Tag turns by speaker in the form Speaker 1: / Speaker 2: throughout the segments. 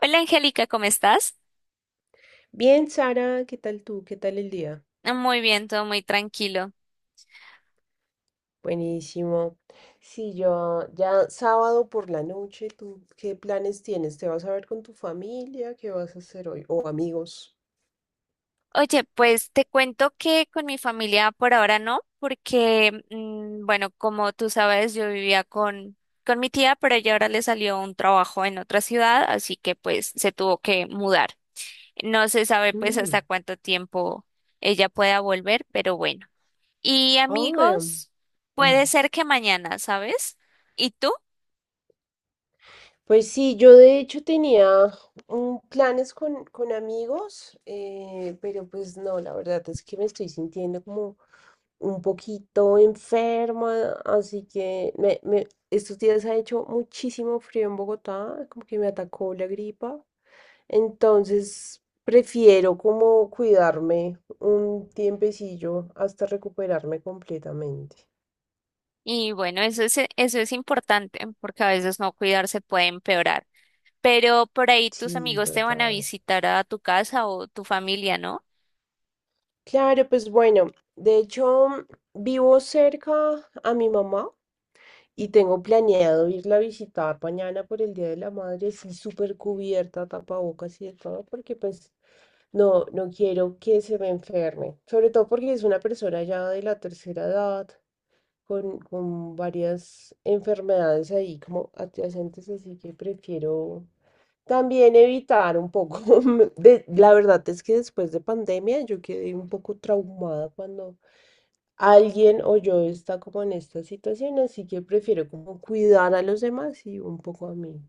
Speaker 1: Hola Angélica, ¿cómo estás?
Speaker 2: Bien, Sara, ¿qué tal tú? ¿Qué tal el día?
Speaker 1: Muy bien, todo muy tranquilo.
Speaker 2: Buenísimo. Sí, yo ya sábado por la noche, ¿tú qué planes tienes? ¿Te vas a ver con tu familia? ¿Qué vas a hacer hoy? ¿O amigos?
Speaker 1: Oye, pues te cuento que con mi familia por ahora no, porque, bueno, como tú sabes, yo vivía con mi tía, pero ella ahora le salió un trabajo en otra ciudad, así que pues se tuvo que mudar. No se sabe pues hasta
Speaker 2: Mm.
Speaker 1: cuánto tiempo ella pueda volver, pero bueno. Y
Speaker 2: Ah. Em.
Speaker 1: amigos,
Speaker 2: Mm.
Speaker 1: puede ser que mañana, ¿sabes? ¿Y tú?
Speaker 2: Pues sí, yo de hecho tenía planes con amigos, pero pues no, la verdad es que me estoy sintiendo como un poquito enferma, así que estos días ha hecho muchísimo frío en Bogotá, como que me atacó la gripa, entonces prefiero como cuidarme un tiempecillo hasta recuperarme completamente.
Speaker 1: Y bueno, eso es importante, porque a veces no cuidarse puede empeorar. Pero por ahí tus
Speaker 2: Sí,
Speaker 1: amigos te van a
Speaker 2: total.
Speaker 1: visitar a tu casa o tu familia, ¿no?
Speaker 2: Claro, pues bueno, de hecho vivo cerca a mi mamá y tengo planeado irla a visitar mañana por el Día de la Madre, sí, súper cubierta, tapabocas y de todo, porque pues no, no quiero que se me enferme, sobre todo porque es una persona ya de la tercera edad, con varias enfermedades ahí como adyacentes, así que prefiero también evitar un poco, la verdad es que después de pandemia yo quedé un poco traumada cuando alguien o yo está como en esta situación, así que prefiero como cuidar a los demás y un poco a mí.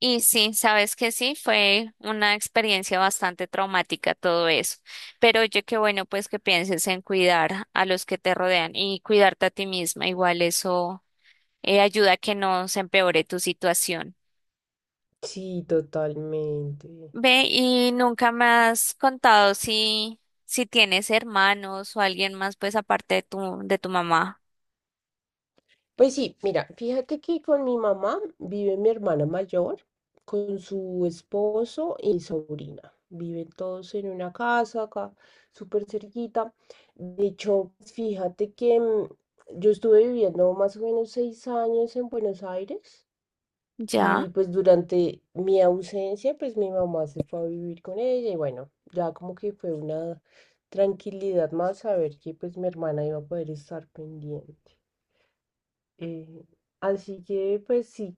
Speaker 1: Y sí, sabes que sí, fue una experiencia bastante traumática todo eso. Pero oye, qué bueno pues que pienses en cuidar a los que te rodean y cuidarte a ti misma. Igual eso ayuda a que no se empeore tu situación.
Speaker 2: Sí, totalmente.
Speaker 1: Ve, y nunca me has contado si tienes hermanos o alguien más, pues aparte de de tu mamá.
Speaker 2: Pues sí, mira, fíjate que con mi mamá vive mi hermana mayor, con su esposo y sobrina. Viven todos en una casa acá, súper cerquita. De hecho, fíjate que yo estuve viviendo más o menos 6 años en Buenos Aires, y
Speaker 1: ¿Ya?
Speaker 2: pues durante mi ausencia, pues mi mamá se fue a vivir con ella y bueno, ya como que fue una tranquilidad más saber que pues mi hermana iba a poder estar pendiente. Eh, Así que pues sí,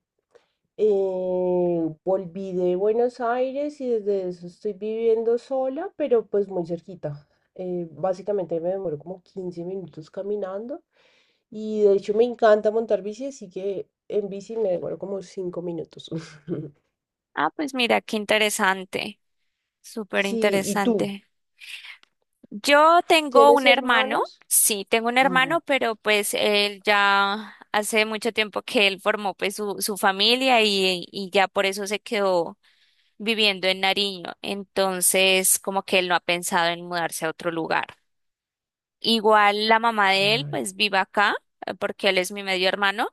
Speaker 2: volví de Buenos Aires y desde eso estoy viviendo sola, pero pues muy cerquita. Básicamente me demoro como 15 minutos caminando, y de hecho me encanta montar bici, así que en bici me demoro como 5 minutos.
Speaker 1: Ah, pues mira, qué interesante. Súper
Speaker 2: Sí, ¿y tú?
Speaker 1: interesante. Yo tengo
Speaker 2: ¿Tienes
Speaker 1: un hermano,
Speaker 2: hermanos?
Speaker 1: sí, tengo un hermano,
Speaker 2: Ujú.
Speaker 1: pero pues él ya hace mucho tiempo que él formó pues su familia y ya por eso se quedó viviendo en Nariño. Entonces, como que él no ha pensado en mudarse a otro lugar. Igual la mamá de él,
Speaker 2: Claro,
Speaker 1: pues vive acá, porque él es mi medio hermano.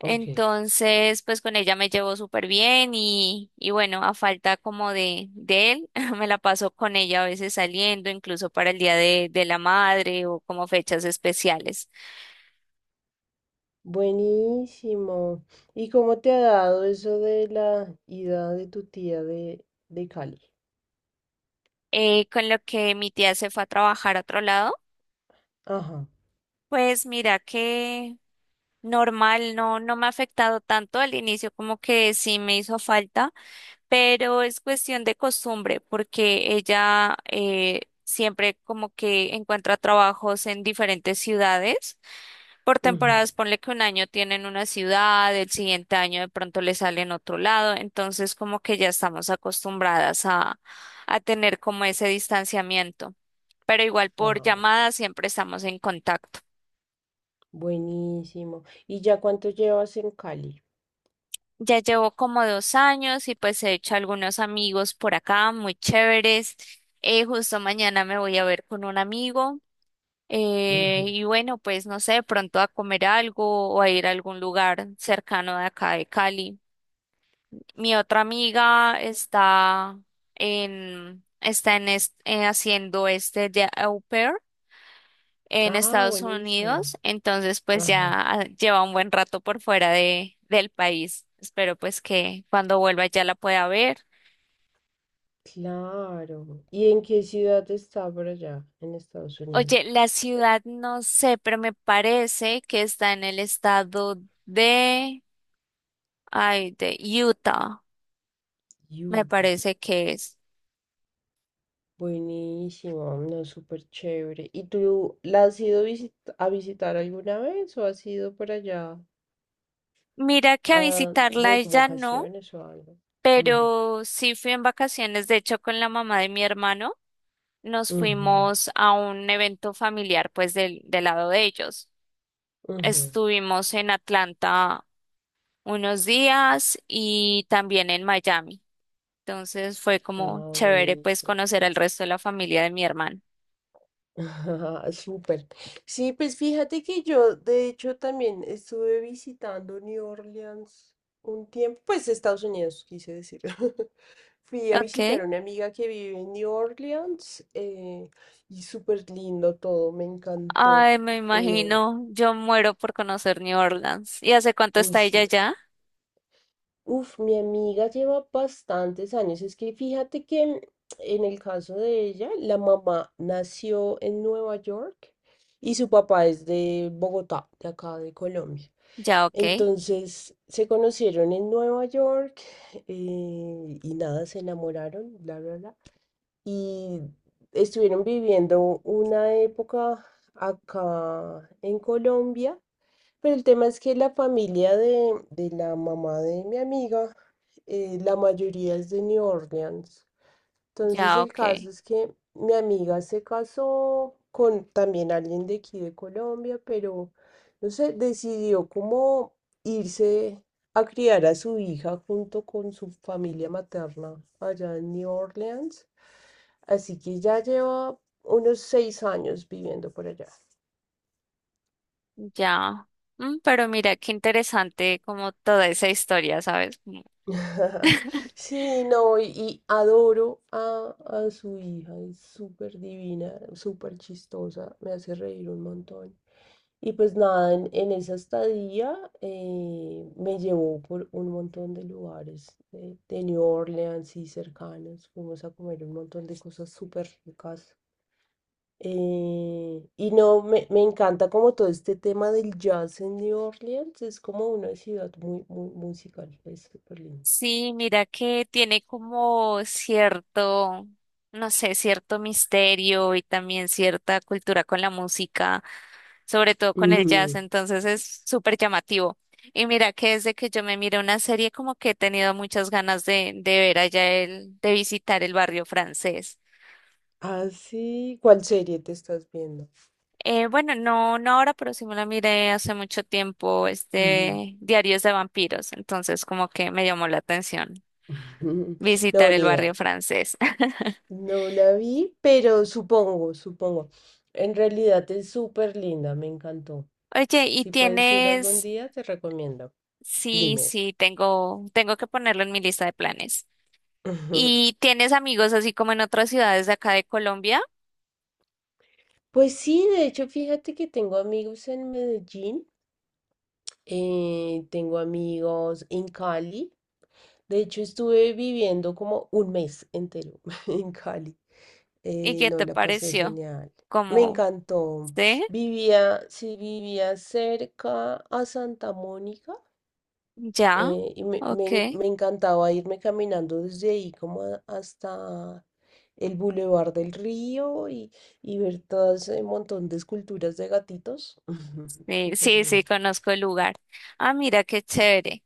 Speaker 2: ok.
Speaker 1: pues con ella me llevo súper bien y bueno, a falta como de él, me la paso con ella a veces saliendo, incluso para el día de la madre o como fechas especiales.
Speaker 2: Buenísimo. ¿Y cómo te ha dado eso de la ida de tu tía de, Cali?
Speaker 1: Con lo que mi tía se fue a trabajar a otro lado,
Speaker 2: Ajá.
Speaker 1: pues mira que normal, no me ha afectado tanto al inicio como que sí me hizo falta, pero es cuestión de costumbre, porque ella siempre como que encuentra trabajos en diferentes ciudades. Por
Speaker 2: Ujú.
Speaker 1: temporadas, ponle que un año tienen una ciudad, el siguiente año de pronto le sale en otro lado, entonces como que ya estamos acostumbradas a tener como ese distanciamiento. Pero igual por
Speaker 2: Ah,
Speaker 1: llamada siempre estamos en contacto.
Speaker 2: buenísimo. ¿Y ya cuánto llevas en Cali?
Speaker 1: Ya llevo como 2 años y pues he hecho algunos amigos por acá, muy chéveres. Justo mañana me voy a ver con un amigo. Eh,
Speaker 2: Ujú.
Speaker 1: y bueno, pues no sé, pronto a comer algo o a ir a algún lugar cercano de acá de Cali. Mi otra amiga está en haciendo este de au pair en
Speaker 2: Ah,
Speaker 1: Estados
Speaker 2: buenísimo.
Speaker 1: Unidos, entonces pues
Speaker 2: Ajá.
Speaker 1: ya lleva un buen rato por fuera de, del país. Espero pues que cuando vuelva ya la pueda ver.
Speaker 2: Claro. ¿Y en qué ciudad está por allá, en Estados
Speaker 1: Oye,
Speaker 2: Unidos?
Speaker 1: la ciudad no sé, pero me parece que está en el estado de, ay, de Utah, me
Speaker 2: Utah.
Speaker 1: parece que es.
Speaker 2: Buenísimo, no, súper chévere. ¿Y tú la has ido a visitar alguna vez o has ido por allá?
Speaker 1: Mira que a
Speaker 2: Ah,
Speaker 1: visitarla
Speaker 2: de
Speaker 1: ella no,
Speaker 2: vacaciones o algo. Ujú.
Speaker 1: pero sí fui en vacaciones, de hecho con la mamá de mi hermano, nos
Speaker 2: Ujú,
Speaker 1: fuimos a un evento familiar pues del, del lado de ellos.
Speaker 2: ujú.
Speaker 1: Estuvimos en Atlanta unos días y también en Miami. Entonces fue como
Speaker 2: Ah,
Speaker 1: chévere pues
Speaker 2: buenísimo.
Speaker 1: conocer al resto de la familia de mi hermano.
Speaker 2: Súper. Sí, pues fíjate que yo, de hecho, también estuve visitando New Orleans un tiempo, pues Estados Unidos, quise decir. Fui a visitar
Speaker 1: Ok.
Speaker 2: a una amiga que vive en New Orleans, y súper lindo todo, me encantó.
Speaker 1: Ay, me
Speaker 2: Eh,
Speaker 1: imagino, yo muero por conocer New Orleans. ¿Y hace cuánto
Speaker 2: Uy,
Speaker 1: está ella
Speaker 2: sí,
Speaker 1: ya?
Speaker 2: uf, mi amiga lleva bastantes años. Es que fíjate que en el caso de ella, la mamá nació en Nueva York y su papá es de Bogotá, de acá de Colombia.
Speaker 1: Ya, ok,
Speaker 2: Entonces se conocieron en Nueva York, y nada, se enamoraron, bla, bla, bla. Y estuvieron viviendo una época acá en Colombia. Pero el tema es que la familia de, la mamá de mi amiga, la mayoría es de New Orleans. Entonces
Speaker 1: ya,
Speaker 2: el
Speaker 1: ok,
Speaker 2: caso es que mi amiga se casó con también alguien de aquí de Colombia, pero no sé, decidió como irse a criar a su hija junto con su familia materna allá en New Orleans. Así que ya lleva unos 6 años viviendo por allá.
Speaker 1: ya. Mm, pero mira, qué interesante como toda esa historia, ¿sabes?
Speaker 2: Sí, no, y adoro a su hija, es súper divina, súper chistosa, me hace reír un montón. Y pues nada, en esa estadía me llevó por un montón de lugares de New Orleans y cercanos, fuimos a comer un montón de cosas súper ricas. Y no, me encanta como todo este tema del jazz en New Orleans, es como una ciudad muy, muy musical, es súper
Speaker 1: Sí, mira que tiene como cierto, no sé, cierto misterio y también cierta cultura con la música, sobre todo con el jazz,
Speaker 2: lindo.
Speaker 1: entonces es súper llamativo. Y mira que desde que yo me miré una serie como que he tenido muchas ganas de ver allá el, de visitar el barrio francés.
Speaker 2: Ah, sí. ¿Cuál serie te estás viendo?
Speaker 1: Bueno, no ahora, pero sí me la miré hace mucho tiempo,
Speaker 2: Ujú.
Speaker 1: este Diarios de Vampiros, entonces como que me llamó la atención
Speaker 2: No,
Speaker 1: visitar el
Speaker 2: ni
Speaker 1: barrio
Speaker 2: idea.
Speaker 1: francés.
Speaker 2: No la vi, pero supongo, supongo. En realidad es súper linda, me encantó.
Speaker 1: Oye, ¿y
Speaker 2: Si puedes ir algún
Speaker 1: tienes?
Speaker 2: día, te recomiendo.
Speaker 1: Sí,
Speaker 2: Dime.
Speaker 1: sí, tengo que ponerlo en mi lista de planes. ¿Y tienes amigos así como en otras ciudades de acá de Colombia?
Speaker 2: Pues sí, de hecho, fíjate que tengo amigos en Medellín, tengo amigos en Cali. De hecho, estuve viviendo como un mes entero en Cali.
Speaker 1: ¿Y qué
Speaker 2: No,
Speaker 1: te
Speaker 2: la pasé
Speaker 1: pareció?
Speaker 2: genial. Me
Speaker 1: Como,
Speaker 2: encantó.
Speaker 1: ¿sí?
Speaker 2: Vivía, sí, vivía cerca a Santa Mónica,
Speaker 1: ¿Ya?
Speaker 2: y
Speaker 1: Ok.
Speaker 2: me encantaba irme caminando desde ahí como hasta el Boulevard del Río, y ver todo ese montón de esculturas de gatitos.
Speaker 1: Sí,
Speaker 2: Súper
Speaker 1: sí, sí,
Speaker 2: lindo.
Speaker 1: conozco el lugar. Ah, mira, qué chévere.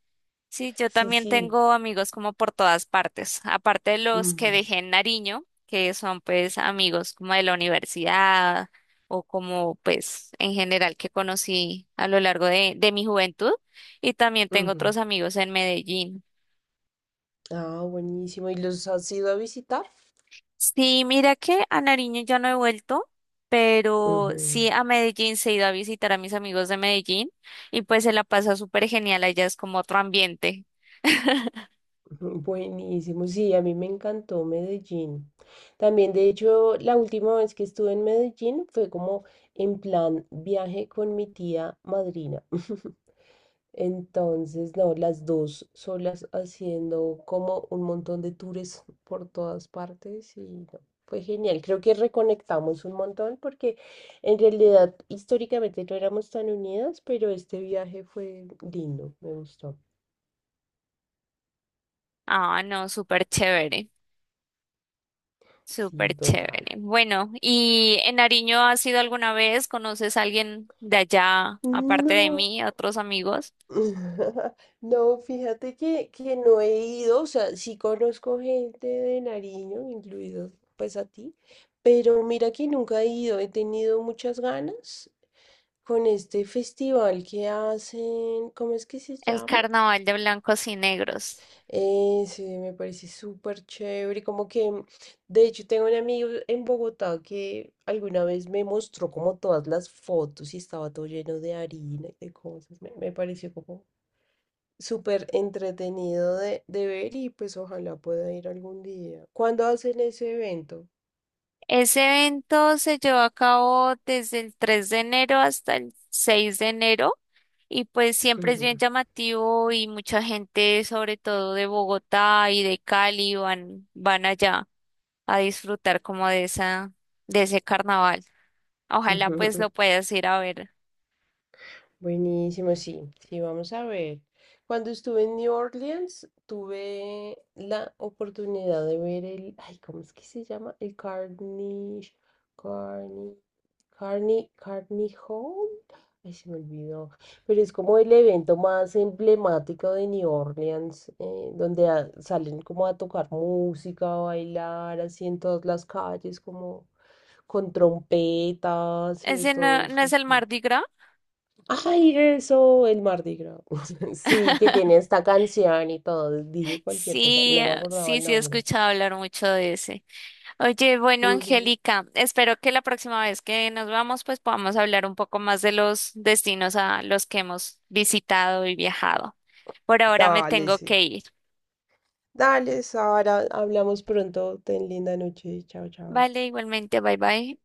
Speaker 1: Sí, yo
Speaker 2: Sí,
Speaker 1: también
Speaker 2: sí.
Speaker 1: tengo amigos como por todas partes, aparte de los que
Speaker 2: Ujú,
Speaker 1: dejé en Nariño, que son pues amigos como de la universidad o como pues en general que conocí a lo largo de mi juventud y también tengo
Speaker 2: ujú.
Speaker 1: otros amigos en Medellín.
Speaker 2: Ah, buenísimo. ¿Y los has ido a visitar?
Speaker 1: Sí, mira que a Nariño ya no he vuelto, pero sí
Speaker 2: Ujú,
Speaker 1: a Medellín se he ido a visitar a mis amigos de Medellín y pues se la pasa súper genial, allá es como otro ambiente.
Speaker 2: ujú. Buenísimo. Sí, a mí me encantó Medellín. También, de hecho, la última vez que estuve en Medellín fue como en plan viaje con mi tía madrina. Entonces, no, las dos solas haciendo como un montón de tours por todas partes y no, fue genial. Creo que reconectamos un montón porque en realidad históricamente no éramos tan unidas, pero este viaje fue lindo, me gustó.
Speaker 1: Ah, no, súper chévere.
Speaker 2: Sí,
Speaker 1: Súper
Speaker 2: total.
Speaker 1: chévere. Bueno, ¿y en Nariño has ido alguna vez? ¿Conoces a alguien de allá, aparte de
Speaker 2: No.
Speaker 1: mí, otros amigos?
Speaker 2: No, fíjate que, no he ido, o sea, sí conozco gente de Nariño, incluido pues a ti, pero mira que nunca he ido, he tenido muchas ganas con este festival que hacen, ¿cómo es que se
Speaker 1: El
Speaker 2: llama?
Speaker 1: Carnaval de Blancos y Negros.
Speaker 2: Sí, me parece súper chévere, como que, de hecho, tengo un amigo en Bogotá que alguna vez me mostró como todas las fotos y estaba todo lleno de harina y de cosas, me pareció como súper entretenido de, ver y pues ojalá pueda ir algún día. ¿Cuándo hacen ese evento?
Speaker 1: Ese evento se llevó a cabo desde el 3 de enero hasta el 6 de enero y pues siempre es
Speaker 2: Ujú.
Speaker 1: bien llamativo y mucha gente, sobre todo de Bogotá y de Cali, van, van allá a disfrutar como de esa, de ese carnaval. Ojalá pues
Speaker 2: Ujú.
Speaker 1: lo puedas ir a ver.
Speaker 2: Buenísimo, sí, sí, vamos a ver. Cuando estuve en New Orleans, tuve la oportunidad de ver el, ay, ¿cómo es que se llama? El Carnegie, Carnegie, Carnegie, Carnegie Hall. Ay, se me olvidó. Pero es como el evento más emblemático de New Orleans, donde salen como a tocar música, a bailar, así en todas las calles, como con trompetas y de
Speaker 1: Ese no,
Speaker 2: todo,
Speaker 1: no es el
Speaker 2: súper.
Speaker 1: Mardi Gras.
Speaker 2: Ay, eso, el Mardi Gras. Sí, que tiene esta canción y todo. Dije cualquier cosa,
Speaker 1: Sí,
Speaker 2: no me acordaba
Speaker 1: sí,
Speaker 2: el
Speaker 1: sí, he
Speaker 2: nombre.
Speaker 1: escuchado hablar mucho de ese. Oye, bueno,
Speaker 2: Ujú.
Speaker 1: Angélica, espero que la próxima vez que nos vamos, pues podamos hablar un poco más de los destinos a los que hemos visitado y viajado. Por ahora me
Speaker 2: Dale,
Speaker 1: tengo
Speaker 2: sí.
Speaker 1: que ir.
Speaker 2: Dale, Sara, hablamos pronto. Ten linda noche. Chao, chao.
Speaker 1: Vale, igualmente, bye bye.